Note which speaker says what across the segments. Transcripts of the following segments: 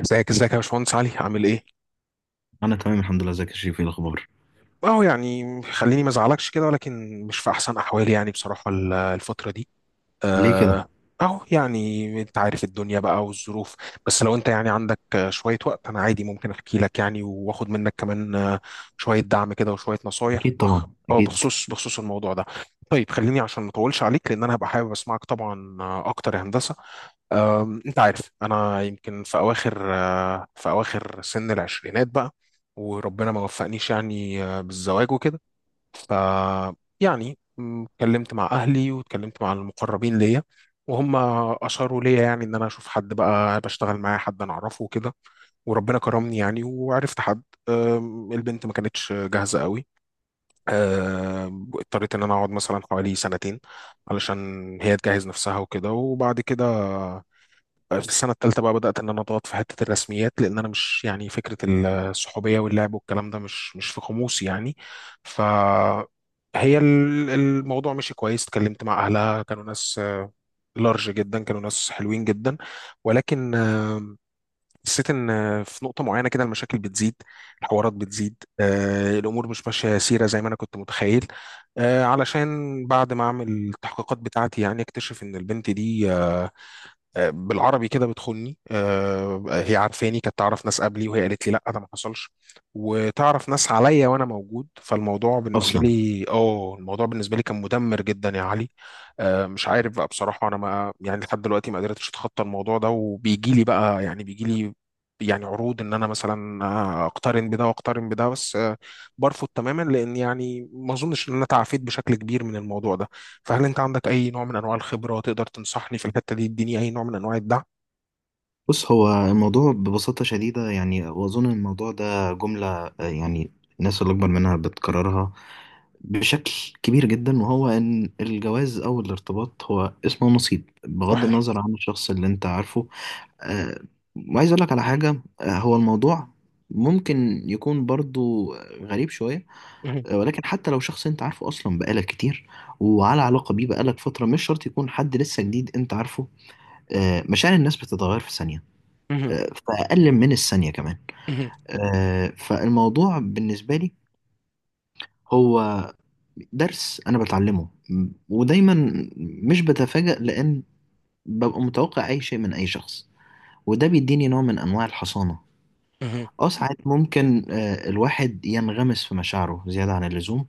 Speaker 1: ازيك ازيك يا باشمهندس علي، عامل ايه؟
Speaker 2: انا تمام، الحمد لله. ازيك يا شريف؟ ايه الاخبار؟
Speaker 1: اه يعني خليني ما ازعلكش كده، ولكن مش في احسن احوالي يعني بصراحه الفتره دي.
Speaker 2: ليه كده؟
Speaker 1: آه، أهو يعني أنت عارف الدنيا بقى والظروف. بس لو أنت يعني عندك شوية وقت، أنا عادي ممكن أحكي لك يعني، وآخد منك كمان شوية دعم كده وشوية نصايح
Speaker 2: اكيد طبعا، اكيد.
Speaker 1: بخصوص الموضوع ده. طيب خليني عشان ما أطولش عليك، لأن أنا هبقى حابب أسمعك طبعا أكتر يا هندسة. انت عارف انا يمكن في اواخر سن العشرينات بقى، وربنا ما وفقنيش يعني بالزواج وكده. ف يعني اتكلمت مع اهلي واتكلمت مع المقربين ليا، وهم اشاروا ليا يعني ان انا اشوف حد بقى بشتغل معاه، حد انا اعرفه وكده. وربنا كرمني يعني وعرفت حد. البنت ما كانتش جاهزه قوي. اضطريت ان انا اقعد مثلا حوالي سنتين علشان هي تجهز نفسها وكده، وبعد كده في السنة التالتة بقى بدأت إن أنا أضغط في حتة الرسميات، لأن أنا مش يعني فكرة الصحوبية واللعب والكلام ده مش في قاموسي يعني. ف هي الموضوع مشي كويس، اتكلمت مع أهلها كانوا ناس لارج جدا، كانوا ناس حلوين جدا. ولكن حسيت إن في نقطة معينة كده المشاكل بتزيد، الحوارات بتزيد، الأمور مش ماشية سيرة زي ما أنا كنت متخيل. علشان بعد ما أعمل التحقيقات بتاعتي يعني أكتشف إن البنت دي بالعربي كده بتخوني. هي عارفاني، كانت تعرف ناس قبلي وهي قالت لي لا ده ما حصلش، وتعرف ناس عليا وانا موجود. فالموضوع بالنسبه
Speaker 2: اصلا.
Speaker 1: لي، اه الموضوع بالنسبه لي كان مدمر جدا يا علي. مش عارف بقى بصراحه، انا ما يعني لحد دلوقتي ما قدرتش اتخطى الموضوع ده، وبيجي لي بقى يعني بيجي لي يعني عروض ان انا مثلا اقترن بده واقترن بده، بس برفض تماما، لان يعني ما اظنش ان انا تعافيت بشكل كبير من الموضوع ده. فهل انت عندك اي نوع من انواع الخبرة تقدر تنصحني في الحتة دي، تديني اي نوع من انواع الدعم؟
Speaker 2: بص، هو الموضوع ببساطه شديده، يعني واظن الموضوع ده جمله. يعني الناس اللي اكبر منها بتكررها بشكل كبير جدا، وهو ان الجواز او الارتباط هو اسمه نصيب بغض
Speaker 1: صحيح.
Speaker 2: النظر عن الشخص اللي انت عارفه. آه، وعايز اقول لك على حاجه. هو الموضوع ممكن يكون برضو غريب شويه،
Speaker 1: مهم.
Speaker 2: ولكن حتى لو شخص انت عارفه اصلا بقالك كتير وعلى علاقه بيه بقالك فتره، مش شرط يكون حد لسه جديد انت عارفه. مشاعر الناس بتتغير في ثانيه،
Speaker 1: مهم.
Speaker 2: في اقل من الثانيه كمان.
Speaker 1: مهم.
Speaker 2: فالموضوع بالنسبه لي هو درس انا بتعلمه، ودايما مش بتفاجأ، لان ببقى متوقع اي شيء من اي شخص، وده بيديني نوع من انواع الحصانه.
Speaker 1: مهم.
Speaker 2: اه، ساعات ممكن الواحد ينغمس في مشاعره زياده عن اللزوم،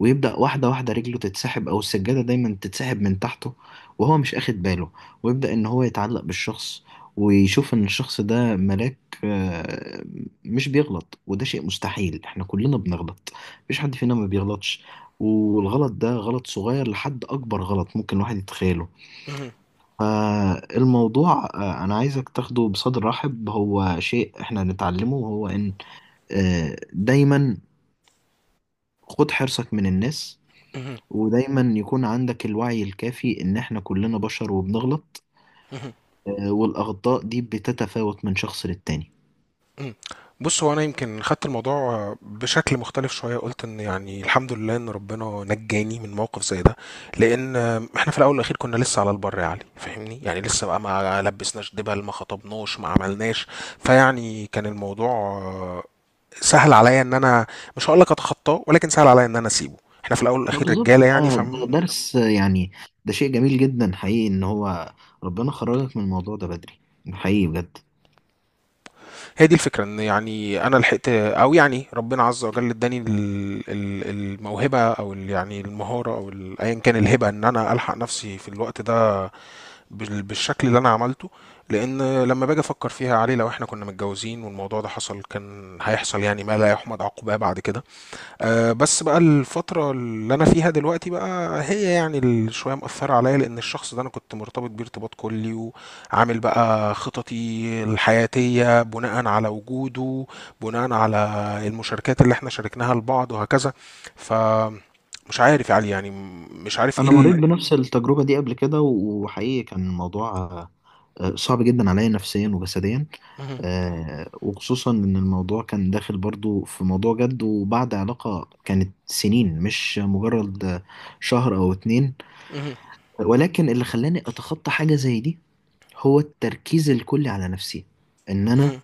Speaker 2: ويبدأ واحدة واحدة رجله تتسحب، أو السجادة دايما تتسحب من تحته وهو مش أخد باله، ويبدأ إن هو يتعلق بالشخص ويشوف إن الشخص ده ملاك، آه، مش بيغلط. وده شيء مستحيل، إحنا كلنا بنغلط، مفيش حد فينا ما بيغلطش. والغلط ده غلط صغير لحد أكبر غلط ممكن الواحد يتخيله.
Speaker 1: مهم.
Speaker 2: فالموضوع أنا عايزك تاخده بصدر رحب. هو شيء إحنا نتعلمه، هو إن دايما خد حرصك من الناس،
Speaker 1: مهم.
Speaker 2: ودايما يكون عندك الوعي الكافي ان احنا كلنا بشر وبنغلط.
Speaker 1: مهم.
Speaker 2: والاخطاء دي بتتفاوت من شخص للتاني.
Speaker 1: مهم. بص هو انا يمكن خدت الموضوع بشكل مختلف شويه، قلت ان يعني الحمد لله ان ربنا نجاني من موقف زي ده، لان احنا في الاول والاخير كنا لسه على البر يا علي، فاهمني يعني لسه بقى ما لبسناش دبل، ما خطبناش، ما عملناش. فيعني كان الموضوع سهل عليا ان انا، مش هقول لك اتخطاه ولكن سهل عليا ان انا اسيبه. احنا في الاول
Speaker 2: ما
Speaker 1: والاخير
Speaker 2: بالظبط،
Speaker 1: رجاله يعني
Speaker 2: ده
Speaker 1: فهي.
Speaker 2: ده درس. يعني ده شيء جميل جدا حقيقي ان هو ربنا خرجك من الموضوع ده بدري. حقيقي بجد.
Speaker 1: دي الفكره ان يعني انا لحقت، او يعني ربنا عز وجل اداني الموهبه، او يعني المهاره، او ايا كان الهبه، ان انا الحق نفسي في الوقت ده بالشكل اللي انا عملته. لان لما باجي افكر فيها علي، لو احنا كنا متجوزين والموضوع ده حصل، كان هيحصل يعني ما لا يحمد عقباه بعد كده. أه بس بقى الفترة اللي أنا فيها دلوقتي بقى، هي يعني شوية مأثرة عليا، لأن الشخص ده أنا كنت مرتبط بيه ارتباط كلي، وعامل بقى خططي الحياتية بناء على وجوده، بناء على المشاركات اللي احنا شاركناها لبعض وهكذا. فمش عارف يا علي يعني مش عارف ايه
Speaker 2: انا مريت
Speaker 1: ال...
Speaker 2: بنفس التجربة دي قبل كده، وحقيقي كان الموضوع صعب جدا عليا نفسيا وجسديا.
Speaker 1: مهم.
Speaker 2: وخصوصا ان الموضوع كان داخل برضو في موضوع جد، وبعد علاقة كانت سنين، مش مجرد شهر او اتنين.
Speaker 1: مهم.
Speaker 2: ولكن اللي خلاني اتخطى حاجه زي دي هو التركيز الكلي على نفسي. ان انا
Speaker 1: مهم.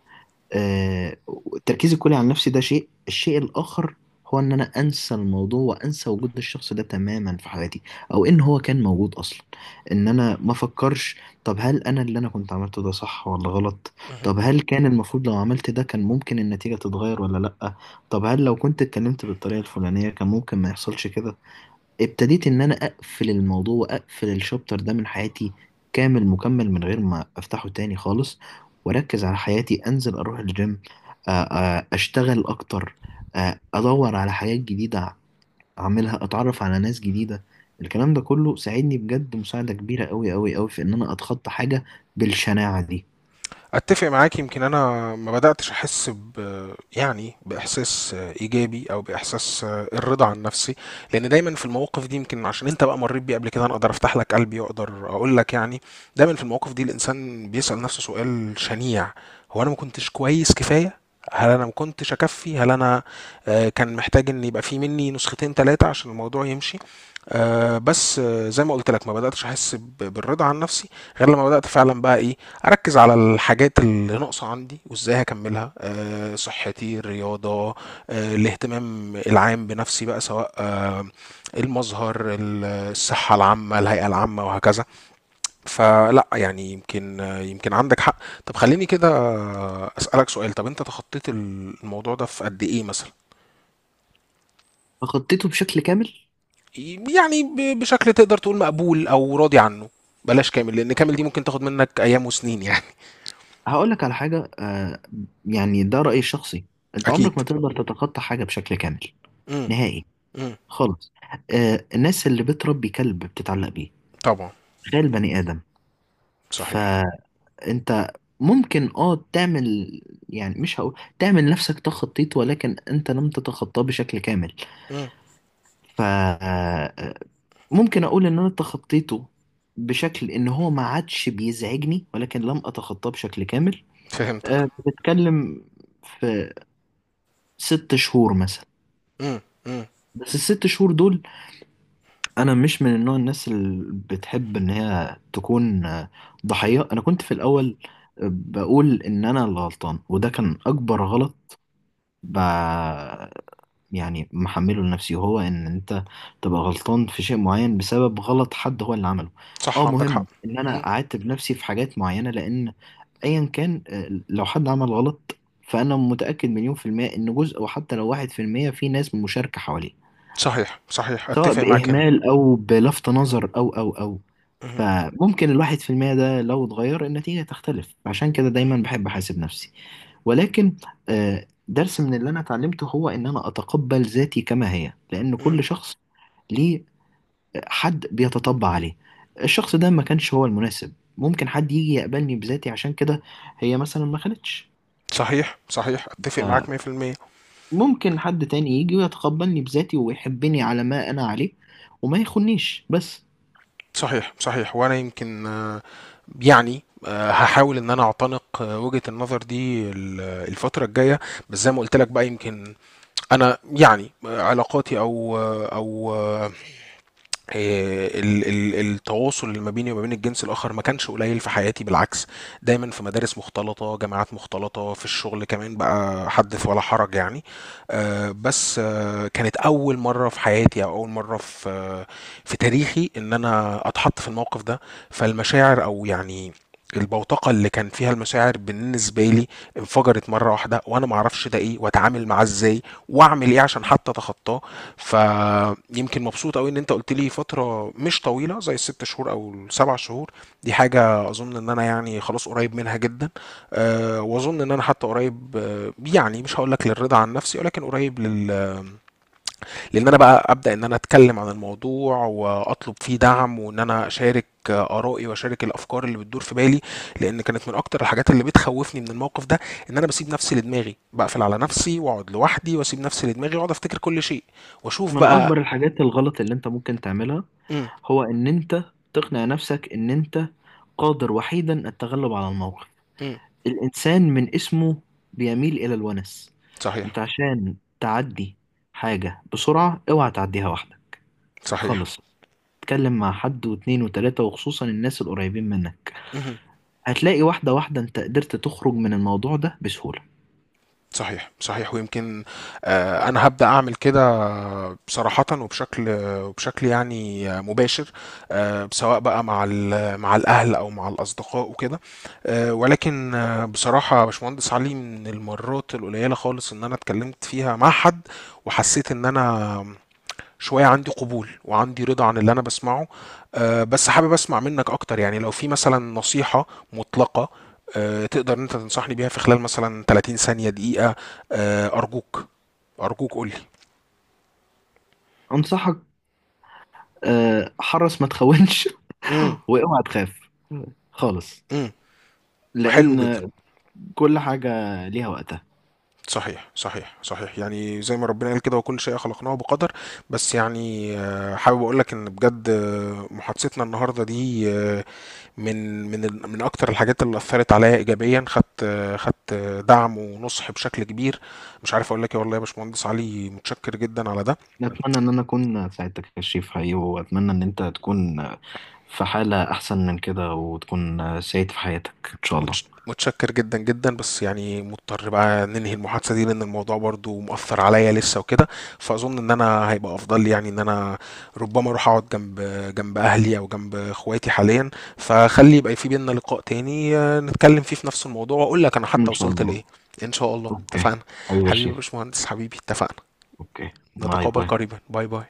Speaker 2: آه، التركيز الكلي على نفسي ده شيء. الشيء الاخر هو ان انا انسى الموضوع وانسى وجود الشخص ده تماما في حياتي، او ان هو كان موجود اصلا. ان انا ما افكرش. طب هل انا اللي انا كنت عملته ده صح ولا غلط؟
Speaker 1: مهم.
Speaker 2: طب هل كان المفروض لو عملت ده كان ممكن النتيجه تتغير ولا لا؟ طب هل لو كنت اتكلمت بالطريقه الفلانيه كان ممكن ما يحصلش كده؟ ابتديت ان انا اقفل الموضوع واقفل الشابتر ده من حياتي، كامل مكمل، من غير ما افتحه تاني خالص. واركز على حياتي، انزل اروح الجيم، اشتغل اكتر، ادور على حاجات جديدة اعملها، اتعرف على ناس جديدة. الكلام ده كله ساعدني بجد مساعدة كبيرة قوي قوي قوي في ان انا اتخطى حاجة بالشناعة دي.
Speaker 1: اتفق معاك. يمكن انا ما بداتش احس يعني باحساس ايجابي او باحساس الرضا عن نفسي. لان دايما في المواقف دي، يمكن عشان انت بقى مريت بيه قبل كده، انا اقدر افتح لك قلبي واقدر اقول لك يعني. دايما في المواقف دي الانسان بيسال نفسه سؤال شنيع، هو انا ما كنتش كويس كفايه؟ هل انا ما كنتش اكفي؟ هل انا كان محتاج ان يبقى في مني نسختين ثلاثه عشان الموضوع يمشي؟ بس زي ما قلت لك، ما بداتش احس بالرضا عن نفسي، غير لما بدات فعلا بقى ايه. هركز على الحاجات اللي ناقصة عندي وازاي هكملها. أه صحتي، الرياضة، أه الاهتمام العام بنفسي بقى، سواء أه المظهر، الصحة العامة، الهيئة العامة وهكذا. فلا يعني يمكن يمكن عندك حق. طب خليني كده أسألك سؤال. طب انت تخطيت الموضوع ده في قد ايه مثلا؟
Speaker 2: فخطيته بشكل كامل.
Speaker 1: يعني بشكل تقدر تقول مقبول او راضي عنه، بلاش كامل لان كامل دي ممكن تاخد منك ايام وسنين يعني.
Speaker 2: هقولك على حاجة، يعني ده رأيي الشخصي. انت
Speaker 1: اكيد.
Speaker 2: عمرك ما تقدر تتخطى حاجة بشكل كامل،
Speaker 1: امم.
Speaker 2: نهائي
Speaker 1: امم.
Speaker 2: خالص. الناس اللي بتربي كلب بتتعلق بيه،
Speaker 1: طبعا.
Speaker 2: تخيل بني آدم.
Speaker 1: صحيح.
Speaker 2: فأنت ممكن تعمل، يعني مش هقول تعمل نفسك تخطيط، ولكن انت لم تتخطاه بشكل كامل. ف آه، ممكن اقول ان انا تخطيته بشكل ان هو ما عادش بيزعجني، ولكن لم اتخطاه بشكل كامل.
Speaker 1: فهمتك.
Speaker 2: بتتكلم في 6 شهور مثلا.
Speaker 1: امم. امم.
Speaker 2: بس الست شهور دول، انا مش من النوع الناس اللي بتحب ان هي تكون ضحية. انا كنت في الاول بقول ان انا اللي غلطان، وده كان اكبر غلط. ب... يعني محمله لنفسي، وهو ان انت تبقى غلطان في شيء معين بسبب غلط حد هو اللي عمله. اه،
Speaker 1: صح عندك حق.
Speaker 2: مهم ان
Speaker 1: امم.
Speaker 2: انا اعاتب نفسي في حاجات معينة، لان ايا كان، لو حد عمل غلط فانا متأكد مليون% ان جزء، وحتى لو 1%، في ناس مشاركة حواليه،
Speaker 1: صحيح صحيح
Speaker 2: سواء
Speaker 1: اتفق معاك هنا.
Speaker 2: بإهمال أو بلفت نظر أو
Speaker 1: امم.
Speaker 2: فممكن الواحد في المية ده لو اتغير، النتيجة تختلف. عشان كده دايما بحب أحاسب نفسي. ولكن درس من اللي أنا اتعلمته هو إن أنا أتقبل ذاتي كما هي، لأن
Speaker 1: امم.
Speaker 2: كل شخص ليه حد بيتطبع عليه. الشخص ده ما كانش هو المناسب، ممكن حد يجي يقبلني بذاتي. عشان كده هي مثلا ما خلتش،
Speaker 1: صحيح صحيح اتفق معاك 100%.
Speaker 2: فممكن حد تاني يجي ويتقبلني بذاتي ويحبني على ما أنا عليه وما يخنيش بس.
Speaker 1: صحيح صحيح، وانا يمكن يعني هحاول ان انا اعتنق وجهة النظر دي الفترة الجاية. بس زي ما قلت لك بقى، يمكن انا يعني علاقاتي او آه، او آه، آه، التواصل اللي ما بيني وما بين الجنس الآخر ما كانش قليل في حياتي بالعكس. دايما في مدارس مختلطة، جامعات مختلطة، في الشغل كمان بقى حدث ولا حرج يعني. بس كانت أول مرة في حياتي، أو أول مرة في تاريخي إن أنا أتحط في الموقف ده. فالمشاعر، أو يعني البوتقة اللي كان فيها المشاعر بالنسبة لي انفجرت مرة واحدة، وانا معرفش ده ايه واتعامل معاه ازاي، واعمل ايه عشان حتى اتخطاه. فيمكن مبسوط قوي ان انت قلت لي فترة مش طويلة زي الست شهور او ال7 شهور، دي حاجة اظن ان انا يعني خلاص قريب منها جدا. أه واظن ان انا حتى قريب يعني مش هقول لك للرضا عن نفسي، ولكن قريب لان انا بقى ابدا ان انا اتكلم عن الموضوع واطلب فيه دعم، وان انا اشارك ارائي واشارك الافكار اللي بتدور في بالي. لان كانت من اكتر الحاجات اللي بتخوفني من الموقف ده ان انا بسيب نفسي لدماغي، بقفل على نفسي واقعد لوحدي واسيب نفسي لدماغي واقعد افتكر كل شيء واشوف
Speaker 2: من
Speaker 1: بقى.
Speaker 2: اكبر الحاجات الغلط اللي انت ممكن تعملها
Speaker 1: امم.
Speaker 2: هو ان انت تقنع نفسك ان انت قادر وحيدا التغلب على الموقف.
Speaker 1: امم.
Speaker 2: الانسان من اسمه بيميل الى الونس.
Speaker 1: صحيح
Speaker 2: انت عشان تعدي حاجة بسرعة، اوعى تعديها واحدة
Speaker 1: صحيح.
Speaker 2: خالص. اتكلم مع حد واتنين وتلاتة، وخصوصا الناس القريبين منك.
Speaker 1: امم.
Speaker 2: هتلاقي واحدة واحدة انت قدرت تخرج من الموضوع ده بسهولة.
Speaker 1: صحيح صحيح، ويمكن آه انا هبدا اعمل كده صراحة، وبشكل، وبشكل يعني مباشر. سواء بقى مع مع الأهل أو مع الأصدقاء وكده. ولكن بصراحة يا باشمهندس علي، من المرات القليلة خالص إن أنا اتكلمت فيها مع حد وحسيت إن أنا شوية عندي قبول وعندي رضا عن اللي أنا بسمعه. بس حابب أسمع منك أكتر يعني، لو في مثلا نصيحة مطلقة تقدر إن أنت تنصحني بيها في خلال مثلا 30 ثانية دقيقة. أرجوك، أرجوك قولي.
Speaker 2: انصحك، حرص ما تخونش.
Speaker 1: امم.
Speaker 2: واوعى تخاف خالص،
Speaker 1: حلو
Speaker 2: لان
Speaker 1: جدا.
Speaker 2: كل حاجة ليها وقتها.
Speaker 1: صحيح صحيح صحيح، يعني زي ما ربنا قال كده، وكل شيء خلقناه بقدر. بس يعني حابب اقول لك ان بجد محادثتنا النهارده دي من من من اكتر الحاجات اللي اثرت عليا ايجابيا. خدت خدت دعم ونصح بشكل كبير. مش عارف اقول لك ايه، والله يا باشمهندس علي متشكر جدا على ده.
Speaker 2: أتمنى إن أنا أكون ساعدتك يا شريف، حقيقي، وأتمنى إن أنت تكون في حالة أحسن من كده، وتكون سعيد في حياتك إن شاء الله.
Speaker 1: متشكر جدا جدا، بس يعني مضطر بقى ننهي المحادثة دي لأن الموضوع برضو مؤثر عليا لسه وكده. فأظن إن أنا هيبقى أفضل لي، يعني إن أنا ربما أروح أقعد جنب، جنب أهلي أو جنب إخواتي حاليا. فخلي يبقى في بينا لقاء تاني نتكلم فيه في نفس الموضوع، وأقول لك أنا حتى
Speaker 2: إن شاء
Speaker 1: وصلت
Speaker 2: الله.
Speaker 1: لإيه. إن شاء الله
Speaker 2: أوكي.
Speaker 1: اتفقنا.
Speaker 2: حبيبي يا
Speaker 1: حبيبي يا
Speaker 2: شريف.
Speaker 1: باشمهندس، حبيبي اتفقنا.
Speaker 2: أوكي. باي
Speaker 1: نتقابل
Speaker 2: باي.
Speaker 1: قريبا، باي باي.